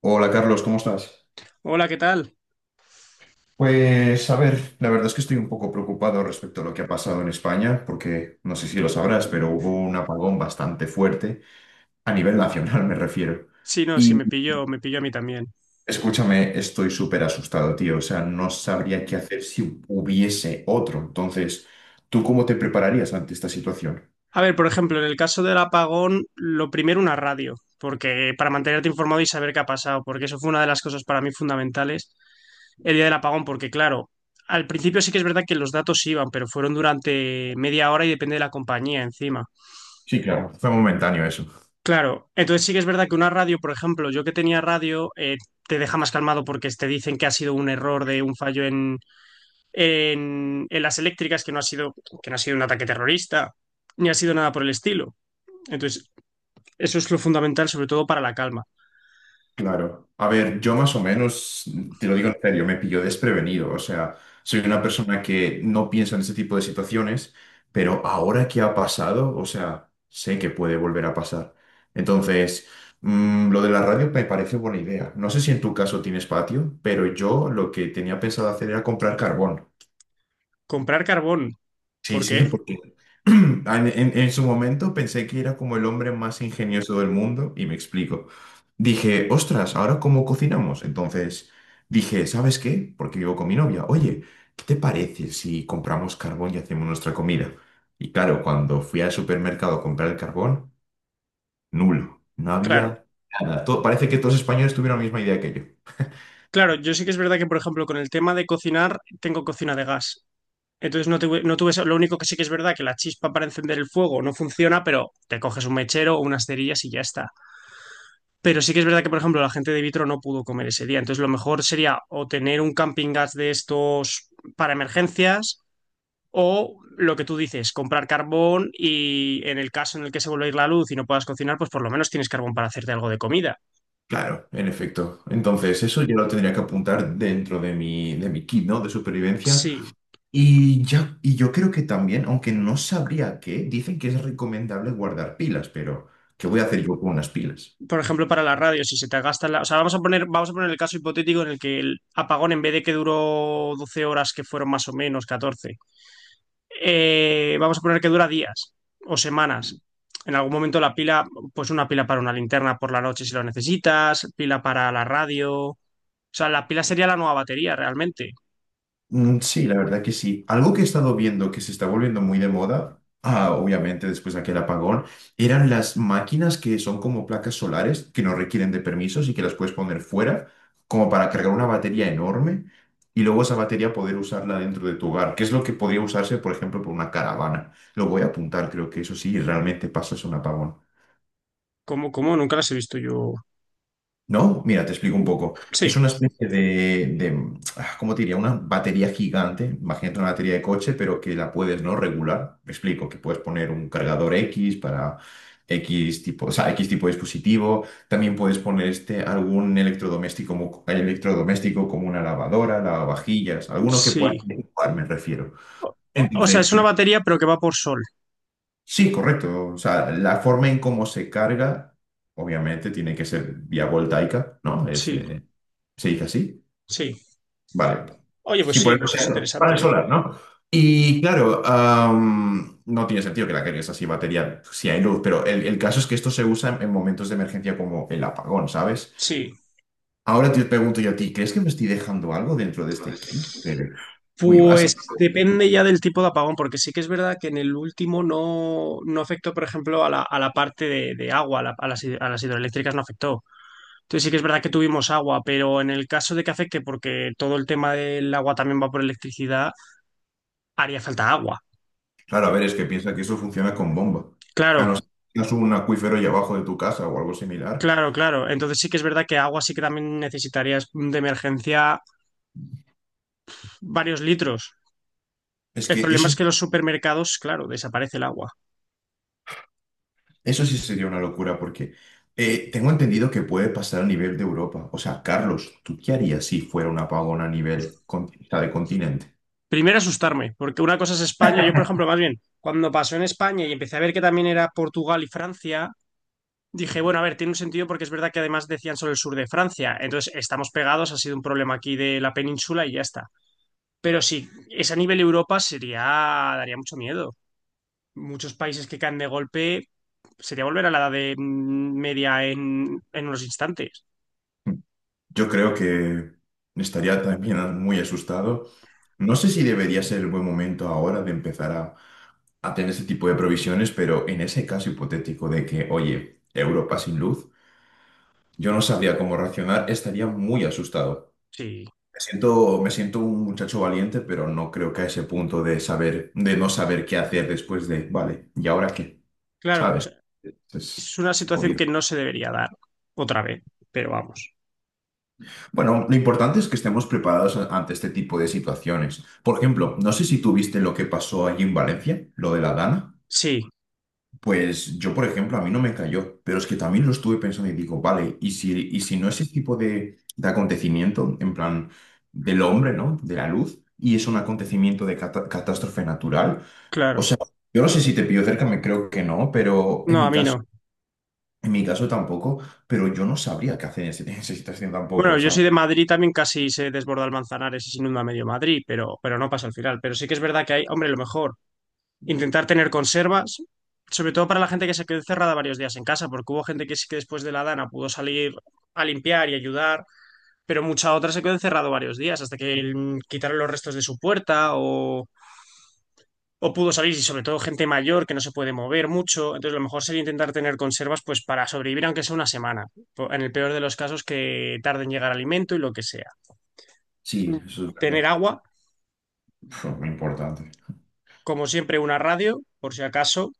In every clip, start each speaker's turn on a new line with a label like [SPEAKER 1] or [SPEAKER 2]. [SPEAKER 1] Hola Carlos, ¿cómo estás?
[SPEAKER 2] Hola, ¿qué tal?
[SPEAKER 1] Pues a ver, la verdad es que estoy un poco preocupado respecto a lo que ha pasado en España, porque no sé si lo sabrás, pero hubo un apagón bastante fuerte, a nivel nacional me refiero.
[SPEAKER 2] Sí, no, sí,
[SPEAKER 1] Y
[SPEAKER 2] me pilló a mí también.
[SPEAKER 1] escúchame, estoy súper asustado, tío, o sea, no sabría qué hacer si hubiese otro. Entonces, ¿tú cómo te prepararías ante esta situación?
[SPEAKER 2] A ver, por ejemplo, en el caso del apagón, lo primero una radio, porque para mantenerte informado y saber qué ha pasado, porque eso fue una de las cosas para mí fundamentales el día del apagón, porque claro, al principio sí que es verdad que los datos iban, pero fueron durante media hora y depende de la compañía encima.
[SPEAKER 1] Sí, claro, fue momentáneo eso.
[SPEAKER 2] Claro, entonces sí que es verdad que una radio, por ejemplo, yo que tenía radio, te deja más calmado porque te dicen que ha sido un error de un fallo en las eléctricas que no ha sido, que no ha sido un ataque terrorista, ni ha sido nada por el estilo. Entonces, eso es lo fundamental, sobre todo para la calma.
[SPEAKER 1] Claro. A ver, yo más o menos, te lo digo en serio, me pilló desprevenido. O sea, soy una persona que no piensa en ese tipo de situaciones, pero ahora que ha pasado, o sea, sé que puede volver a pasar. Entonces, lo de la radio me parece buena idea. No sé si en tu caso tienes patio, pero yo lo que tenía pensado hacer era comprar carbón.
[SPEAKER 2] Comprar carbón,
[SPEAKER 1] Sí,
[SPEAKER 2] porque,
[SPEAKER 1] sí, porque en su momento pensé que era como el hombre más ingenioso del mundo y me explico. Dije, ostras, ¿ahora cómo cocinamos? Entonces dije, ¿sabes qué? Porque vivo con mi novia. Oye, ¿qué te parece si compramos carbón y hacemos nuestra comida? Y claro, cuando fui al supermercado a comprar el carbón, nulo. No
[SPEAKER 2] claro,
[SPEAKER 1] había nada. To- parece que todos los españoles tuvieron la misma idea que yo.
[SPEAKER 2] claro, yo sí que es verdad que, por ejemplo, con el tema de cocinar, tengo cocina de gas. Entonces no tuve eso. Lo único que sí que es verdad que la chispa para encender el fuego no funciona, pero te coges un mechero o unas cerillas y ya está. Pero sí que es verdad que, por ejemplo, la gente de Vitro no pudo comer ese día. Entonces, lo mejor sería o tener un camping gas de estos para emergencias o lo que tú dices, comprar carbón y en el caso en el que se vuelva a ir la luz y no puedas cocinar, pues por lo menos tienes carbón para hacerte algo de comida.
[SPEAKER 1] Claro, en efecto. Entonces, eso yo lo tendría que apuntar dentro de mi kit, ¿no? De supervivencia.
[SPEAKER 2] Sí,
[SPEAKER 1] Y, ya, y yo creo que también, aunque no sabría qué, dicen que es recomendable guardar pilas, pero ¿qué voy a hacer yo con unas pilas?
[SPEAKER 2] por ejemplo, para la radio, si se te gasta la… O sea, vamos a poner el caso hipotético en el que el apagón, en vez de que duró 12 horas, que fueron más o menos catorce, vamos a poner que dura días o semanas. En algún momento la pila, pues una pila para una linterna por la noche si lo necesitas, pila para la radio. O sea, la pila sería la nueva batería realmente.
[SPEAKER 1] Sí, la verdad que sí. Algo que he estado viendo que se está volviendo muy de moda, obviamente después de aquel apagón, eran las máquinas que son como placas solares que no requieren de permisos y que las puedes poner fuera como para cargar una batería enorme y luego esa batería poder usarla dentro de tu hogar, que es lo que podría usarse, por ejemplo, por una caravana. Lo voy a apuntar, creo que eso sí, realmente pasa es un apagón.
[SPEAKER 2] ¿Cómo, cómo? Nunca las he visto yo.
[SPEAKER 1] ¿No? Mira, te explico un poco. Es
[SPEAKER 2] Sí,
[SPEAKER 1] una especie de, ¿cómo te diría? Una batería gigante. Imagínate una batería de coche, pero que la puedes no regular. Me explico, que puedes poner un cargador X para X tipo, o sea, X tipo de dispositivo. También puedes poner este, algún electrodoméstico, electrodoméstico como una lavadora, lavavajillas, alguno que pueda
[SPEAKER 2] sí.
[SPEAKER 1] interactuar, me refiero.
[SPEAKER 2] O, o sea,
[SPEAKER 1] Entonces,
[SPEAKER 2] es una batería pero que va por sol.
[SPEAKER 1] sí, correcto. O sea, la forma en cómo se carga, obviamente, tiene que ser vía voltaica, ¿no? Es,
[SPEAKER 2] Sí,
[SPEAKER 1] se dice así.
[SPEAKER 2] sí.
[SPEAKER 1] Vale.
[SPEAKER 2] Oye, pues
[SPEAKER 1] Sí, por
[SPEAKER 2] sí,
[SPEAKER 1] el
[SPEAKER 2] pues es
[SPEAKER 1] panel
[SPEAKER 2] interesante, ¿eh?
[SPEAKER 1] solar, ¿no? Y claro, no tiene sentido que la cargues así batería si hay luz, pero el caso es que esto se usa en momentos de emergencia como el apagón, ¿sabes?
[SPEAKER 2] Sí.
[SPEAKER 1] Ahora te pregunto yo a ti, ¿crees que me estoy dejando algo dentro de este kit? Muy
[SPEAKER 2] Pues
[SPEAKER 1] básico.
[SPEAKER 2] depende ya del tipo de apagón, porque sí que es verdad que en el último no, no afectó, por ejemplo, a la parte de agua, a las, a las hidroeléctricas no afectó. Entonces sí que es verdad que tuvimos agua, pero en el caso de que afecte, porque todo el tema del agua también va por electricidad, haría falta agua.
[SPEAKER 1] Claro, a ver, es que piensa que eso funciona con bomba. A
[SPEAKER 2] Claro,
[SPEAKER 1] no ser que tengas un acuífero ahí abajo de tu casa o algo similar.
[SPEAKER 2] claro, claro. Entonces sí que es verdad que agua sí que también necesitarías de emergencia varios litros.
[SPEAKER 1] Es
[SPEAKER 2] El
[SPEAKER 1] que
[SPEAKER 2] problema
[SPEAKER 1] eso,
[SPEAKER 2] es que los supermercados, claro, desaparece el agua.
[SPEAKER 1] eso sí sería una locura porque tengo entendido que puede pasar a nivel de Europa. O sea, Carlos, ¿tú qué harías si fuera un apagón a nivel con- o sea, de continente?
[SPEAKER 2] Primero asustarme, porque una cosa es España. Yo, por ejemplo, más bien, cuando pasó en España y empecé a ver que también era Portugal y Francia, dije, bueno, a ver, tiene un sentido porque es verdad que además decían solo el sur de Francia. Entonces, estamos pegados, ha sido un problema aquí de la península y ya está. Pero sí, es a nivel Europa sería, daría mucho miedo. Muchos países que caen de golpe, sería volver a la edad media en unos instantes.
[SPEAKER 1] Yo creo que estaría también muy asustado. No sé si debería ser el buen momento ahora de empezar a tener ese tipo de provisiones, pero en ese caso hipotético de que, oye, Europa sin luz. Yo no sabía cómo reaccionar, estaría muy asustado.
[SPEAKER 2] Sí,
[SPEAKER 1] Me siento un muchacho valiente, pero no creo que a ese punto de saber, de no saber qué hacer después de, vale, ¿y ahora qué?
[SPEAKER 2] claro, o
[SPEAKER 1] ¿Sabes?
[SPEAKER 2] sea,
[SPEAKER 1] Es
[SPEAKER 2] es una
[SPEAKER 1] es
[SPEAKER 2] situación
[SPEAKER 1] jodido.
[SPEAKER 2] que no se debería dar otra vez, pero vamos.
[SPEAKER 1] Bueno, lo importante es que estemos preparados a- ante este tipo de situaciones. Por ejemplo, no sé si tú viste lo que pasó allí en Valencia, lo de la Dana.
[SPEAKER 2] Sí,
[SPEAKER 1] Pues yo, por ejemplo, a mí no me cayó, pero es que también lo estuve pensando y digo, vale, y si no ese tipo de acontecimiento, en plan, del hombre, ¿no? De la luz, y es un acontecimiento de cata- catástrofe natural, o
[SPEAKER 2] claro.
[SPEAKER 1] sea, yo no sé si te pillo cerca, me creo que no, pero
[SPEAKER 2] No, a mí no.
[SPEAKER 1] en mi caso tampoco, pero yo no sabría qué hacer en ese- en esa situación tampoco,
[SPEAKER 2] Bueno,
[SPEAKER 1] o
[SPEAKER 2] yo
[SPEAKER 1] sea,
[SPEAKER 2] soy de Madrid, también casi se desborda el Manzanares y se inunda medio Madrid, pero no pasa al final. Pero sí que es verdad que hay, hombre, lo mejor, intentar tener conservas, sobre todo para la gente que se quedó encerrada varios días en casa, porque hubo gente que sí que después de la dana pudo salir a limpiar y ayudar, pero mucha otra se quedó encerrada varios días hasta que quitaron los restos de su puerta o… O pudo salir, y sobre todo gente mayor que no se puede mover mucho. Entonces, lo mejor sería intentar tener conservas pues para sobrevivir, aunque sea una semana. En el peor de los casos, que tarde en llegar alimento y lo que sea. Mm.
[SPEAKER 1] sí, eso es
[SPEAKER 2] Tener
[SPEAKER 1] verdad.
[SPEAKER 2] agua,
[SPEAKER 1] Uf, muy importante.
[SPEAKER 2] como siempre, una radio, por si acaso.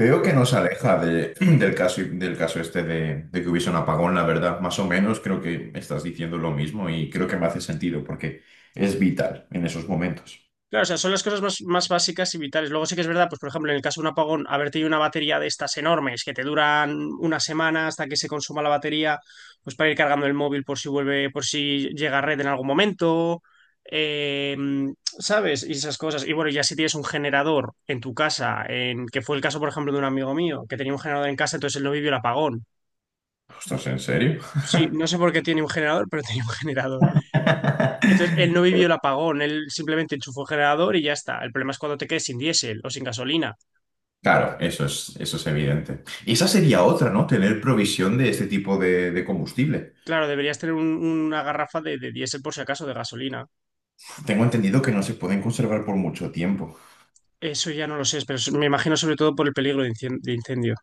[SPEAKER 1] Veo que nos aleja de- del caso este de que hubiese un apagón, la verdad. Más o menos creo que estás diciendo lo mismo y creo que me hace sentido porque es vital en esos momentos.
[SPEAKER 2] Claro, o sea, son las cosas más, más básicas y vitales. Luego sí que es verdad, pues por ejemplo, en el caso de un apagón, haber tenido una batería de estas enormes que te duran una semana hasta que se consuma la batería, pues para ir cargando el móvil por si vuelve, por si llega a red en algún momento, eh, ¿sabes? Y esas cosas. Y bueno, ya si tienes un generador en tu casa, que fue el caso, por ejemplo, de un amigo mío, que tenía un generador en casa, entonces él no vivió el apagón.
[SPEAKER 1] Ostras, ¿en serio?
[SPEAKER 2] Sí, no sé por qué tiene un generador, pero tenía un generador. Entonces, él no vivió el apagón, él simplemente enchufó el generador y ya está. El problema es cuando te quedes sin diésel o sin gasolina.
[SPEAKER 1] Claro, eso es evidente. Y esa sería otra, ¿no? Tener provisión de este tipo de combustible.
[SPEAKER 2] Claro, deberías tener una garrafa de diésel por si acaso, de gasolina.
[SPEAKER 1] Tengo entendido que no se pueden conservar por mucho tiempo.
[SPEAKER 2] Eso ya no lo sé, pero me imagino sobre todo por el peligro de incendio.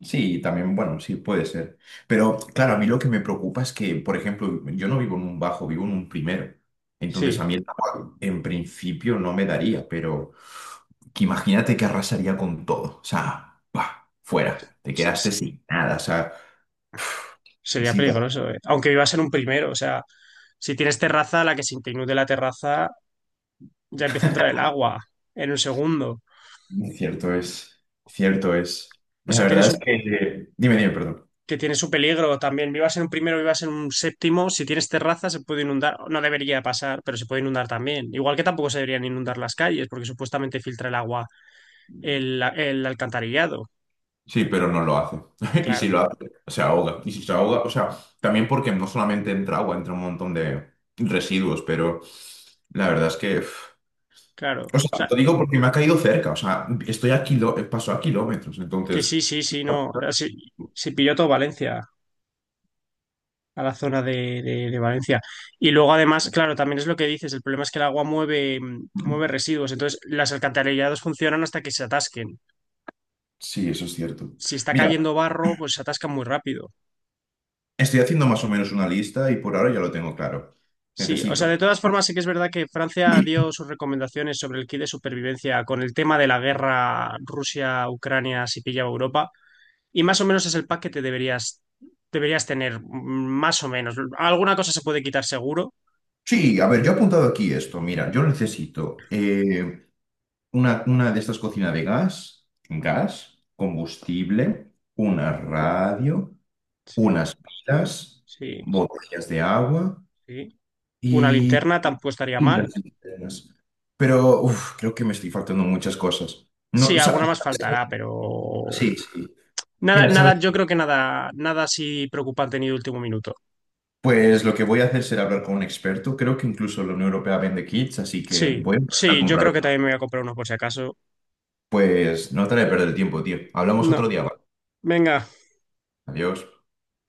[SPEAKER 1] Sí, también, bueno, sí, puede ser. Pero claro, a mí lo que me preocupa es que, por ejemplo, yo no vivo en un bajo, vivo en un primero. Entonces
[SPEAKER 2] Sí,
[SPEAKER 1] a mí el agua en principio no me daría, pero que imagínate que arrasaría con todo. O sea, ¡pah! Fuera, te
[SPEAKER 2] s- s-
[SPEAKER 1] quedaste sin nada. O sea,
[SPEAKER 2] sería
[SPEAKER 1] sí, to-
[SPEAKER 2] peligroso, eh. Aunque vivas en un primero, o sea, si tienes terraza, a la que se te inunde la terraza, ya empieza a entrar el agua en un segundo.
[SPEAKER 1] cierto es, cierto es.
[SPEAKER 2] O
[SPEAKER 1] La
[SPEAKER 2] sea,
[SPEAKER 1] verdad
[SPEAKER 2] tienes
[SPEAKER 1] es que... Dime, perdón.
[SPEAKER 2] que tiene su peligro también. Vivas en un primero, vivas en un séptimo, si tienes terraza se puede inundar, no debería pasar, pero se puede inundar también. Igual que tampoco se deberían inundar las calles, porque supuestamente filtra el agua el alcantarillado.
[SPEAKER 1] Sí, pero no lo hace. Y si
[SPEAKER 2] Claro,
[SPEAKER 1] lo hace, se ahoga. Y si se ahoga, o sea, también porque no solamente entra agua, entra un montón de residuos, pero la verdad es que... uf.
[SPEAKER 2] claro. O
[SPEAKER 1] O sea,
[SPEAKER 2] sea,
[SPEAKER 1] lo digo porque me ha caído cerca, o sea, estoy a kilo, paso a kilómetros,
[SPEAKER 2] que
[SPEAKER 1] entonces...
[SPEAKER 2] sí, sí, sí, no. Ah, sí, sí pilló todo Valencia, a la zona de Valencia. Y luego, además, claro, también es lo que dices, el problema es que el agua mueve residuos, entonces las alcantarillados funcionan hasta que se atasquen.
[SPEAKER 1] Sí, eso es cierto.
[SPEAKER 2] Si está
[SPEAKER 1] Mira,
[SPEAKER 2] cayendo barro, pues se atascan muy rápido.
[SPEAKER 1] estoy haciendo más o menos una lista y por ahora ya lo tengo claro.
[SPEAKER 2] Sí, o sea, de
[SPEAKER 1] Necesito.
[SPEAKER 2] todas formas sí que es verdad que Francia dio sus recomendaciones sobre el kit de supervivencia con el tema de la guerra Rusia-Ucrania si pillaba Europa y más o menos es el pack que te deberías tener, más o menos. Alguna cosa se puede quitar seguro.
[SPEAKER 1] Sí, a ver, yo he apuntado aquí esto. Mira, yo necesito una de estas cocinas de gas, gas, combustible, una radio,
[SPEAKER 2] Sí,
[SPEAKER 1] unas pilas,
[SPEAKER 2] sí,
[SPEAKER 1] botellas de agua
[SPEAKER 2] sí. Una
[SPEAKER 1] y,
[SPEAKER 2] linterna tampoco estaría
[SPEAKER 1] y
[SPEAKER 2] mal.
[SPEAKER 1] las linternas. Pero uf, creo que me estoy faltando muchas cosas. No,
[SPEAKER 2] Sí,
[SPEAKER 1] o sea,
[SPEAKER 2] alguna más faltará, pero
[SPEAKER 1] sí, sí.
[SPEAKER 2] nada,
[SPEAKER 1] Mira, ¿sabes?
[SPEAKER 2] nada, yo creo que nada, nada así preocupante ni de último minuto.
[SPEAKER 1] Pues lo que voy a hacer será hablar con un experto. Creo que incluso la Unión Europea vende kits, así que
[SPEAKER 2] Sí,
[SPEAKER 1] voy a empezar a
[SPEAKER 2] sí, yo
[SPEAKER 1] comprar
[SPEAKER 2] creo que
[SPEAKER 1] uno.
[SPEAKER 2] también me voy a comprar uno por si acaso.
[SPEAKER 1] Pues no te haré perder el tiempo, tío. Hablamos otro
[SPEAKER 2] No,
[SPEAKER 1] día, ¿vale?
[SPEAKER 2] venga.
[SPEAKER 1] Adiós.